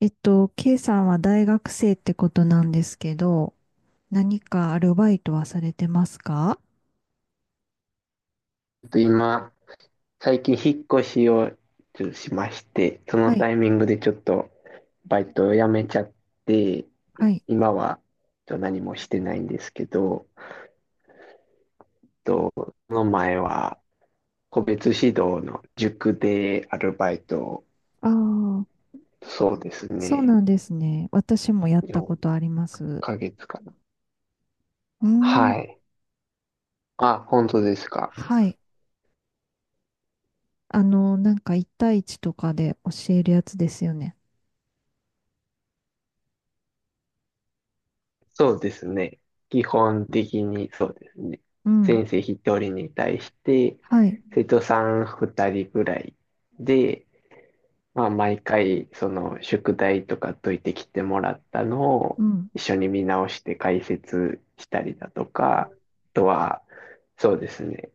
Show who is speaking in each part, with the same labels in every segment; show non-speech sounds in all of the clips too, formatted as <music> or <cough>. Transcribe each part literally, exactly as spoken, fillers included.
Speaker 1: えっと、K さんは大学生ってことなんですけど、何かアルバイトはされてますか？
Speaker 2: と今、最近引っ越しをちょっとしまして、そ
Speaker 1: は
Speaker 2: の
Speaker 1: い、
Speaker 2: タイミングでちょっとバイトを辞めちゃって、
Speaker 1: はい。
Speaker 2: 今はちょっと何もしてないんですけど、とその前は個別指導の塾でアルバイトを、
Speaker 1: ああ、
Speaker 2: そうです
Speaker 1: そう
Speaker 2: ね、
Speaker 1: なんですね。私もやった
Speaker 2: 4
Speaker 1: ことあります。う
Speaker 2: ヶ月かな。
Speaker 1: ーん、
Speaker 2: はい。あ、本当ですか。
Speaker 1: はい。あの、なんかいち対いちとかで教えるやつですよね。
Speaker 2: そうですね。基本的にそうですね。
Speaker 1: うん、
Speaker 2: 先生一人に対して、
Speaker 1: はい。
Speaker 2: 生徒さん二人ぐらいで、まあ、毎回、その、宿題とか解いてきてもらったの
Speaker 1: う
Speaker 2: を、
Speaker 1: ん、
Speaker 2: 一緒に見直して解説したりだとか、あとは、そうですね。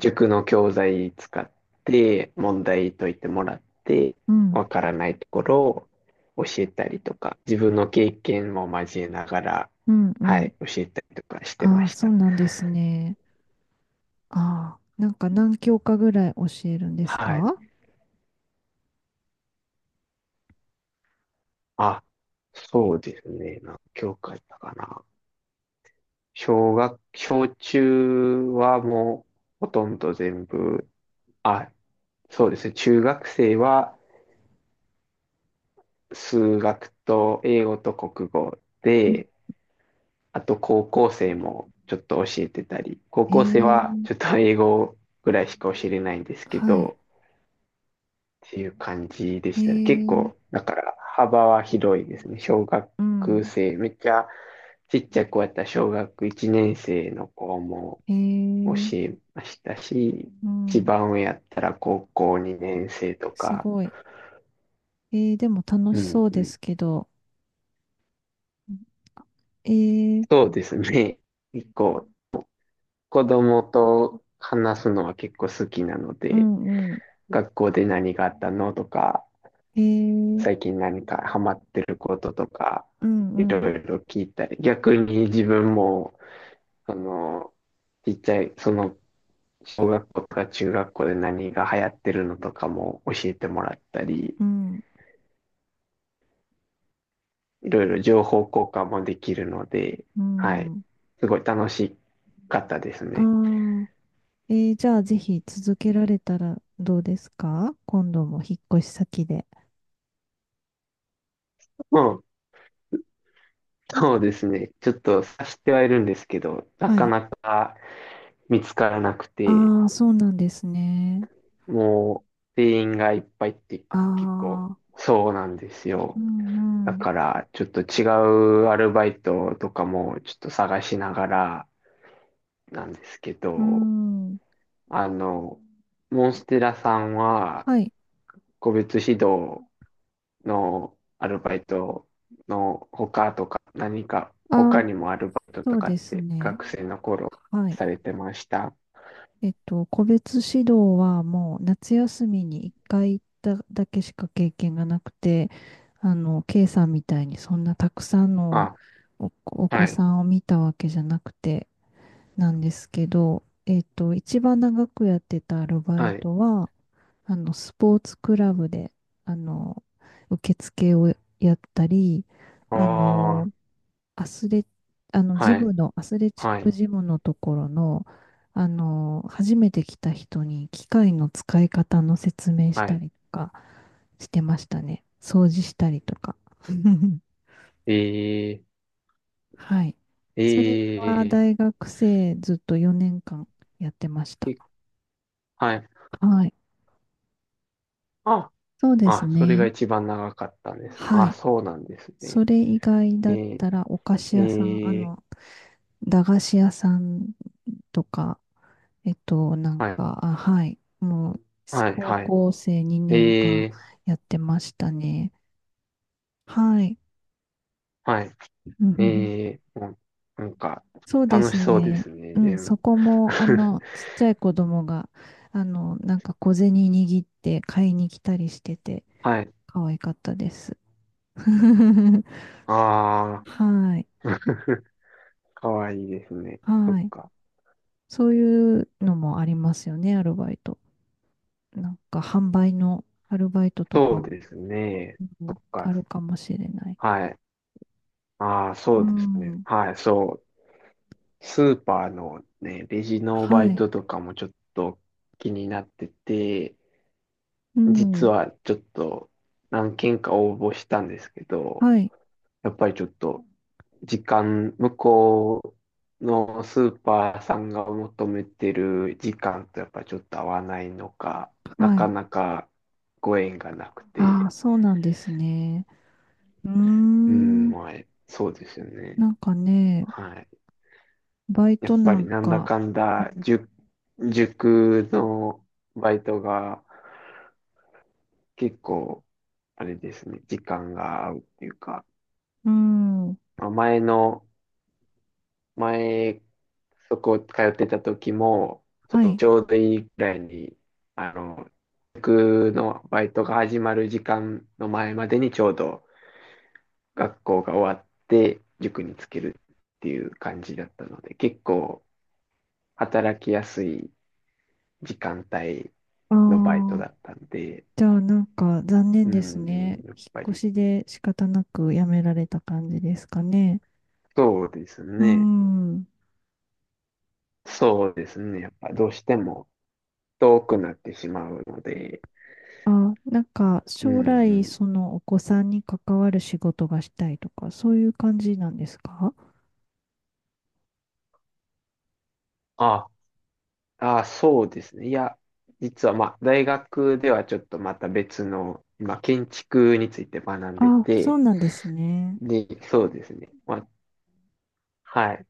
Speaker 2: 塾の教材使って問題解いてもらって、
Speaker 1: うん、
Speaker 2: わからないところを教えたりとか、自分の経験も交えながら、
Speaker 1: うん、う
Speaker 2: は
Speaker 1: ん。
Speaker 2: い、教えたりとかして
Speaker 1: あ
Speaker 2: ま
Speaker 1: あ、
Speaker 2: し
Speaker 1: そう
Speaker 2: た。
Speaker 1: なんですね。ああ、なんか何教科ぐらい教えるんです
Speaker 2: はい。
Speaker 1: か？
Speaker 2: あ、そうですね。何教科だったかな。小学、小中はもうほとんど全部、あ、そうですね。中学生は数学と英語と国語
Speaker 1: うん、
Speaker 2: で、あと高校生もちょっと教えてたり、高
Speaker 1: え
Speaker 2: 校生はちょっ
Speaker 1: え、
Speaker 2: と英語ぐらいしか教えれないんですけ
Speaker 1: はい。
Speaker 2: ど、っていう感じで
Speaker 1: え
Speaker 2: したね。結
Speaker 1: ー、
Speaker 2: 構、だから幅は広いですね。小学
Speaker 1: うん。
Speaker 2: 生、めっちゃちっちゃくやった小学いちねん生の子も
Speaker 1: へ
Speaker 2: 教
Speaker 1: え、
Speaker 2: えましたし、
Speaker 1: う
Speaker 2: 一
Speaker 1: ん。
Speaker 2: 番上やったら高校にねん生と
Speaker 1: す
Speaker 2: か、
Speaker 1: ごい。えー、でも楽
Speaker 2: う
Speaker 1: し
Speaker 2: ん
Speaker 1: そう
Speaker 2: う
Speaker 1: で
Speaker 2: ん。
Speaker 1: すけど。えー、
Speaker 2: そうですね。結構子供と話すのは結構好きなの
Speaker 1: う
Speaker 2: で、
Speaker 1: んうん。
Speaker 2: 学校で何があったのとか、
Speaker 1: えー、
Speaker 2: 最近何かハマってることとか、
Speaker 1: う
Speaker 2: い
Speaker 1: んう
Speaker 2: ろい
Speaker 1: ん。
Speaker 2: ろ聞いたり、逆に自分も、その、ちっちゃい、その、小学校とか中学校で何が流行ってるのとかも教えてもらったり、
Speaker 1: うん。
Speaker 2: いろいろ情報交換もできるので、
Speaker 1: う
Speaker 2: はい、
Speaker 1: ん。
Speaker 2: すごい楽しかったです
Speaker 1: あ
Speaker 2: ね。
Speaker 1: あ。えー、じゃあぜひ続けられたらどうですか？今度も引っ越し先で。
Speaker 2: うん、そうですね。ちょっと察してはいるんですけど、な
Speaker 1: は
Speaker 2: か
Speaker 1: い。
Speaker 2: なか見つからなくて、
Speaker 1: ああ、そうなんですね。
Speaker 2: もう、店員がいっぱいって
Speaker 1: あ
Speaker 2: 結構、
Speaker 1: あ。
Speaker 2: そうなんです
Speaker 1: う
Speaker 2: よ。だ
Speaker 1: んう
Speaker 2: から、ちょっと違うアルバイトとかもちょっと探しながらなんですけ
Speaker 1: ん。う
Speaker 2: ど、
Speaker 1: ん。
Speaker 2: あの、モンステラさんは、
Speaker 1: はい。
Speaker 2: 個別指導のアルバイトの他とか、何か
Speaker 1: ああ、
Speaker 2: 他にもアルバイト
Speaker 1: そ
Speaker 2: と
Speaker 1: う
Speaker 2: か
Speaker 1: で
Speaker 2: っ
Speaker 1: す
Speaker 2: て
Speaker 1: ね。
Speaker 2: 学生の頃
Speaker 1: はい。
Speaker 2: されてました？
Speaker 1: えっと、個別指導はもう夏休みにいっかい行っただけしか経験がなくて、あの、K さんみたいにそんなたくさんの
Speaker 2: あ、
Speaker 1: お、お子
Speaker 2: はい、
Speaker 1: さんを見たわけじゃなくてなんですけど、えっと、一番長くやってたアルバ
Speaker 2: は
Speaker 1: イ
Speaker 2: い、
Speaker 1: トは、あの、スポーツクラブで、あの、受付をやったり、
Speaker 2: あ
Speaker 1: あの、
Speaker 2: あ、
Speaker 1: アスレ、あの、ジ
Speaker 2: はい、
Speaker 1: ムの、アスレチッ
Speaker 2: は
Speaker 1: ク
Speaker 2: い、
Speaker 1: ジムのところの、あの、初めて来た人に機械の使い方の説明し
Speaker 2: は
Speaker 1: た
Speaker 2: い。
Speaker 1: りとかしてましたね。掃除したりとか。<laughs>
Speaker 2: えー
Speaker 1: はい。それ
Speaker 2: え
Speaker 1: は大
Speaker 2: え
Speaker 1: 学生ずっとよねんかんやってました。
Speaker 2: えはい。
Speaker 1: はい。
Speaker 2: あ、
Speaker 1: そうです
Speaker 2: あ、それが
Speaker 1: ね。
Speaker 2: 一番長かったんですね。
Speaker 1: は
Speaker 2: あ、
Speaker 1: い。
Speaker 2: そうなんですね。
Speaker 1: それ以外だっ
Speaker 2: え
Speaker 1: たらお菓
Speaker 2: え
Speaker 1: 子屋さん、あ
Speaker 2: ええ
Speaker 1: の、駄菓子屋さんとか、えっと、なん
Speaker 2: はい、
Speaker 1: か、あ、はい。もう、
Speaker 2: はい、
Speaker 1: 高
Speaker 2: はい。
Speaker 1: 校生2年
Speaker 2: え
Speaker 1: 間
Speaker 2: え
Speaker 1: やってましたね。はい。
Speaker 2: はい、
Speaker 1: う
Speaker 2: え
Speaker 1: ん、
Speaker 2: えうんなんか、
Speaker 1: そうで
Speaker 2: 楽
Speaker 1: す
Speaker 2: しそうで
Speaker 1: ね。
Speaker 2: すね、
Speaker 1: うん、
Speaker 2: 全
Speaker 1: そ
Speaker 2: 部。
Speaker 1: こも、あ
Speaker 2: <laughs>
Speaker 1: の、ちっちゃい子供が、あの、なんか小銭握って買いに来たりしてて、
Speaker 2: はい。
Speaker 1: 可愛かったです。<laughs>
Speaker 2: あ
Speaker 1: はい。
Speaker 2: あ、<laughs> かわいいですね。そっ
Speaker 1: はい。
Speaker 2: か。
Speaker 1: そういうのもありますよね、アルバイト。なんか、販売のアルバイトと
Speaker 2: そ
Speaker 1: か
Speaker 2: う
Speaker 1: も、
Speaker 2: ですね。
Speaker 1: うん、
Speaker 2: そっ
Speaker 1: あ
Speaker 2: か。
Speaker 1: るかもしれない。
Speaker 2: はい。ああ、そ
Speaker 1: う
Speaker 2: うですね。
Speaker 1: ん。
Speaker 2: はい、そう。スーパーのね、レジのバ
Speaker 1: は
Speaker 2: イ
Speaker 1: い。
Speaker 2: トとかもちょっと気になってて、
Speaker 1: う
Speaker 2: 実
Speaker 1: ん。
Speaker 2: はちょっと何件か応募したんですけど、
Speaker 1: はい。
Speaker 2: やっぱりちょっと時間、向こうのスーパーさんが求めてる時間とやっぱりちょっと合わないのか、な
Speaker 1: は
Speaker 2: か
Speaker 1: い。
Speaker 2: なかご縁がなく
Speaker 1: ああ、
Speaker 2: て、
Speaker 1: そうなんですね。うー
Speaker 2: うん、
Speaker 1: ん。
Speaker 2: まあ、そうですよね。
Speaker 1: なんかね、
Speaker 2: はい。
Speaker 1: バイ
Speaker 2: や
Speaker 1: ト
Speaker 2: っ
Speaker 1: な
Speaker 2: ぱり
Speaker 1: ん
Speaker 2: なんだ
Speaker 1: か、
Speaker 2: かんだ、塾、塾のバイトが結構、あれですね、時間が合うっていうか、
Speaker 1: うん。
Speaker 2: まあ前の、前、そこ通ってた時も、
Speaker 1: は
Speaker 2: そう
Speaker 1: い。
Speaker 2: ちょうどいいぐらいに、あの、塾のバイトが始まる時間の前までにちょうど学校が終わって、塾につけるっていう感じだったので、結構働きやすい時間帯
Speaker 1: あ
Speaker 2: のバイトだ
Speaker 1: あ、
Speaker 2: ったんで、
Speaker 1: じゃあなんか残念
Speaker 2: う
Speaker 1: です
Speaker 2: ん
Speaker 1: ね。
Speaker 2: うん、やっ
Speaker 1: 引
Speaker 2: ぱ
Speaker 1: っ越
Speaker 2: り、
Speaker 1: しで仕方なく辞められた感じですかね。
Speaker 2: そうです
Speaker 1: う
Speaker 2: ね。
Speaker 1: ん。
Speaker 2: そうですね。やっぱどうしても遠くなってしまうので、
Speaker 1: あ、なんか
Speaker 2: うん
Speaker 1: 将
Speaker 2: う
Speaker 1: 来
Speaker 2: ん。
Speaker 1: そのお子さんに関わる仕事がしたいとか、そういう感じなんですか？
Speaker 2: あ、あ、そうですね。いや、実はまあ、大学ではちょっとまた別の、今、建築について学んで
Speaker 1: あ、そう
Speaker 2: て、
Speaker 1: なんですね。
Speaker 2: で、そうですね。まあ、はい。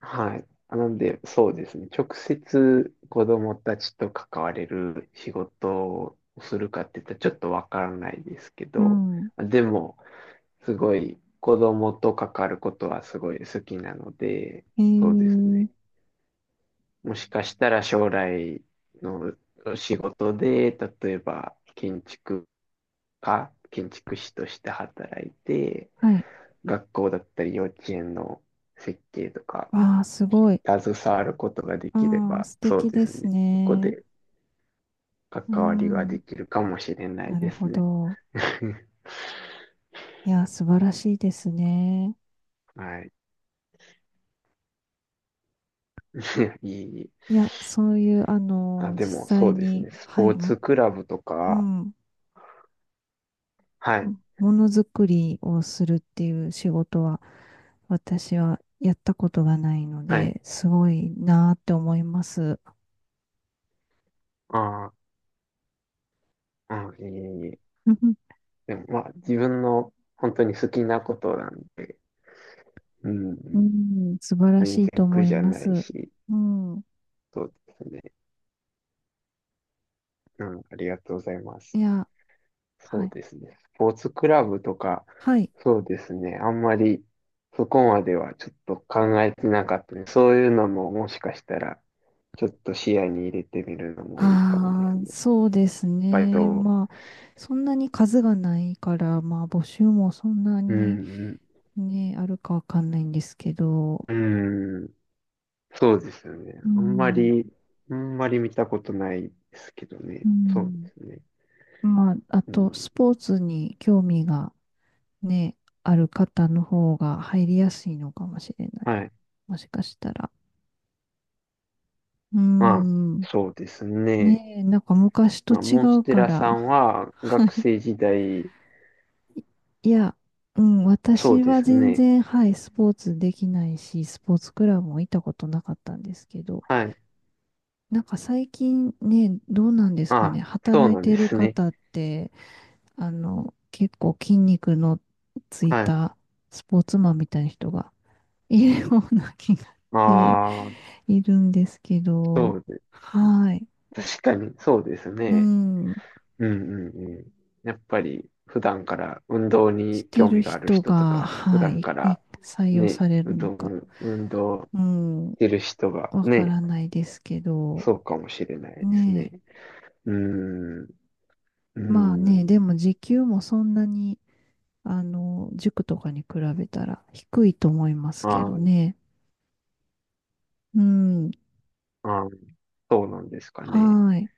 Speaker 2: はい。なんで、そうですね。直接子供たちと関われる仕事をするかって言ったらちょっとわからないですけ
Speaker 1: う
Speaker 2: ど、
Speaker 1: ん。
Speaker 2: でも、すごい子供と関わることはすごい好きなので、
Speaker 1: え
Speaker 2: そうです
Speaker 1: ー、
Speaker 2: ね。もしかしたら将来の仕事で、例えば建築家、建築士として働いて、
Speaker 1: はい。
Speaker 2: 学校だったり幼稚園の設計とか、
Speaker 1: わあ、すごい。
Speaker 2: 携わることができれ
Speaker 1: ああ、
Speaker 2: ば、
Speaker 1: 素
Speaker 2: そう
Speaker 1: 敵
Speaker 2: で
Speaker 1: で
Speaker 2: す
Speaker 1: す
Speaker 2: ね。そこ
Speaker 1: ね。
Speaker 2: で
Speaker 1: う
Speaker 2: 関わりがで
Speaker 1: ん。
Speaker 2: きるかもしれない
Speaker 1: なる
Speaker 2: です
Speaker 1: ほ
Speaker 2: ね。
Speaker 1: ど。
Speaker 2: <laughs>
Speaker 1: いや、素晴らしいですね。
Speaker 2: はい。<laughs> いいい
Speaker 1: いや、そういう、あ
Speaker 2: あ、
Speaker 1: の、実
Speaker 2: でも、そ
Speaker 1: 際
Speaker 2: うです
Speaker 1: に、
Speaker 2: ね。ス
Speaker 1: は
Speaker 2: ポー
Speaker 1: い、も
Speaker 2: ツクラブと
Speaker 1: う
Speaker 2: か、
Speaker 1: ん、
Speaker 2: はい。
Speaker 1: ものづくりをするっていう仕事は、私はやったことがないの
Speaker 2: はい。
Speaker 1: で、すごいなーって思います。
Speaker 2: ああ、うん、いいいい。
Speaker 1: <laughs>
Speaker 2: でも、まあ、自分の本当に好きなことなんで、うん、
Speaker 1: うん、素晴ら
Speaker 2: 全
Speaker 1: しいと
Speaker 2: 然
Speaker 1: 思
Speaker 2: 苦
Speaker 1: い
Speaker 2: じゃ
Speaker 1: ま
Speaker 2: ない
Speaker 1: す。
Speaker 2: し、
Speaker 1: うん。
Speaker 2: そうですね。うん、ありがとうございます。
Speaker 1: いや、
Speaker 2: そ
Speaker 1: は
Speaker 2: う
Speaker 1: い。
Speaker 2: ですね。スポーツクラブとか、
Speaker 1: はい。
Speaker 2: そうですね。あんまりそこまではちょっと考えてなかったね。そういうのももしかしたら、ちょっと視野に入れてみるのもいいかもです
Speaker 1: ああ、
Speaker 2: ね。
Speaker 1: そうです
Speaker 2: バイト
Speaker 1: ね。
Speaker 2: を。
Speaker 1: まあ、そんなに数がないから、まあ、募集もそんな
Speaker 2: う
Speaker 1: に
Speaker 2: ん、
Speaker 1: ね、あるかわかんないんですけど、
Speaker 2: うん、うん、そうですよね。
Speaker 1: う
Speaker 2: あんま
Speaker 1: ん、
Speaker 2: り、あんまり見たことないですけどね。
Speaker 1: う
Speaker 2: そうで
Speaker 1: ん。
Speaker 2: すね。
Speaker 1: まあ、あ
Speaker 2: うん、
Speaker 1: と、スポーツに興味がね、ある方の方が入りやすいのかもしれない。
Speaker 2: はい。
Speaker 1: もしかしたら。う
Speaker 2: まあ、
Speaker 1: ん。
Speaker 2: そうですね。
Speaker 1: ねえ、なんか昔と
Speaker 2: まあ、
Speaker 1: 違
Speaker 2: モンス
Speaker 1: う
Speaker 2: テ
Speaker 1: か
Speaker 2: ラ
Speaker 1: ら。
Speaker 2: さん
Speaker 1: <laughs>
Speaker 2: は
Speaker 1: は
Speaker 2: 学
Speaker 1: い。
Speaker 2: 生時代、
Speaker 1: いや、うん、
Speaker 2: そう
Speaker 1: 私
Speaker 2: で
Speaker 1: は
Speaker 2: す
Speaker 1: 全
Speaker 2: ね。
Speaker 1: 然、はい、スポーツできないし、スポーツクラブも行ったことなかったんですけど、
Speaker 2: はい。
Speaker 1: なんか最近ね、どうなんですか
Speaker 2: あ、
Speaker 1: ね、
Speaker 2: そう
Speaker 1: 働い
Speaker 2: なんで
Speaker 1: てる
Speaker 2: すね。
Speaker 1: 方って、あの、結構筋肉のつい
Speaker 2: はい。
Speaker 1: たスポーツマンみたいな人がいるような気がして
Speaker 2: ああ、
Speaker 1: いるんですけ
Speaker 2: そ
Speaker 1: ど、
Speaker 2: うで、
Speaker 1: はい、
Speaker 2: 確かに、そうです
Speaker 1: う
Speaker 2: ね。
Speaker 1: ん、
Speaker 2: うんうんうん。やっぱり、普段から運動
Speaker 1: し
Speaker 2: に
Speaker 1: て
Speaker 2: 興
Speaker 1: る
Speaker 2: 味がある
Speaker 1: 人
Speaker 2: 人と
Speaker 1: が、
Speaker 2: か、普
Speaker 1: は
Speaker 2: 段
Speaker 1: い、
Speaker 2: か
Speaker 1: い
Speaker 2: ら
Speaker 1: 採用
Speaker 2: ね、
Speaker 1: される
Speaker 2: 運
Speaker 1: の
Speaker 2: 動、
Speaker 1: か、
Speaker 2: 運動
Speaker 1: うん、
Speaker 2: してる人が
Speaker 1: わか
Speaker 2: ね、
Speaker 1: らないですけど、
Speaker 2: そうかもしれないです
Speaker 1: ねえ、
Speaker 2: ね。うん、う
Speaker 1: まあね、
Speaker 2: ん。
Speaker 1: でも時給もそんなに、あの、塾とかに比べたら低いと思います
Speaker 2: あ
Speaker 1: けど
Speaker 2: ー
Speaker 1: ね。うん。
Speaker 2: あー、そうなんですかね。
Speaker 1: はい。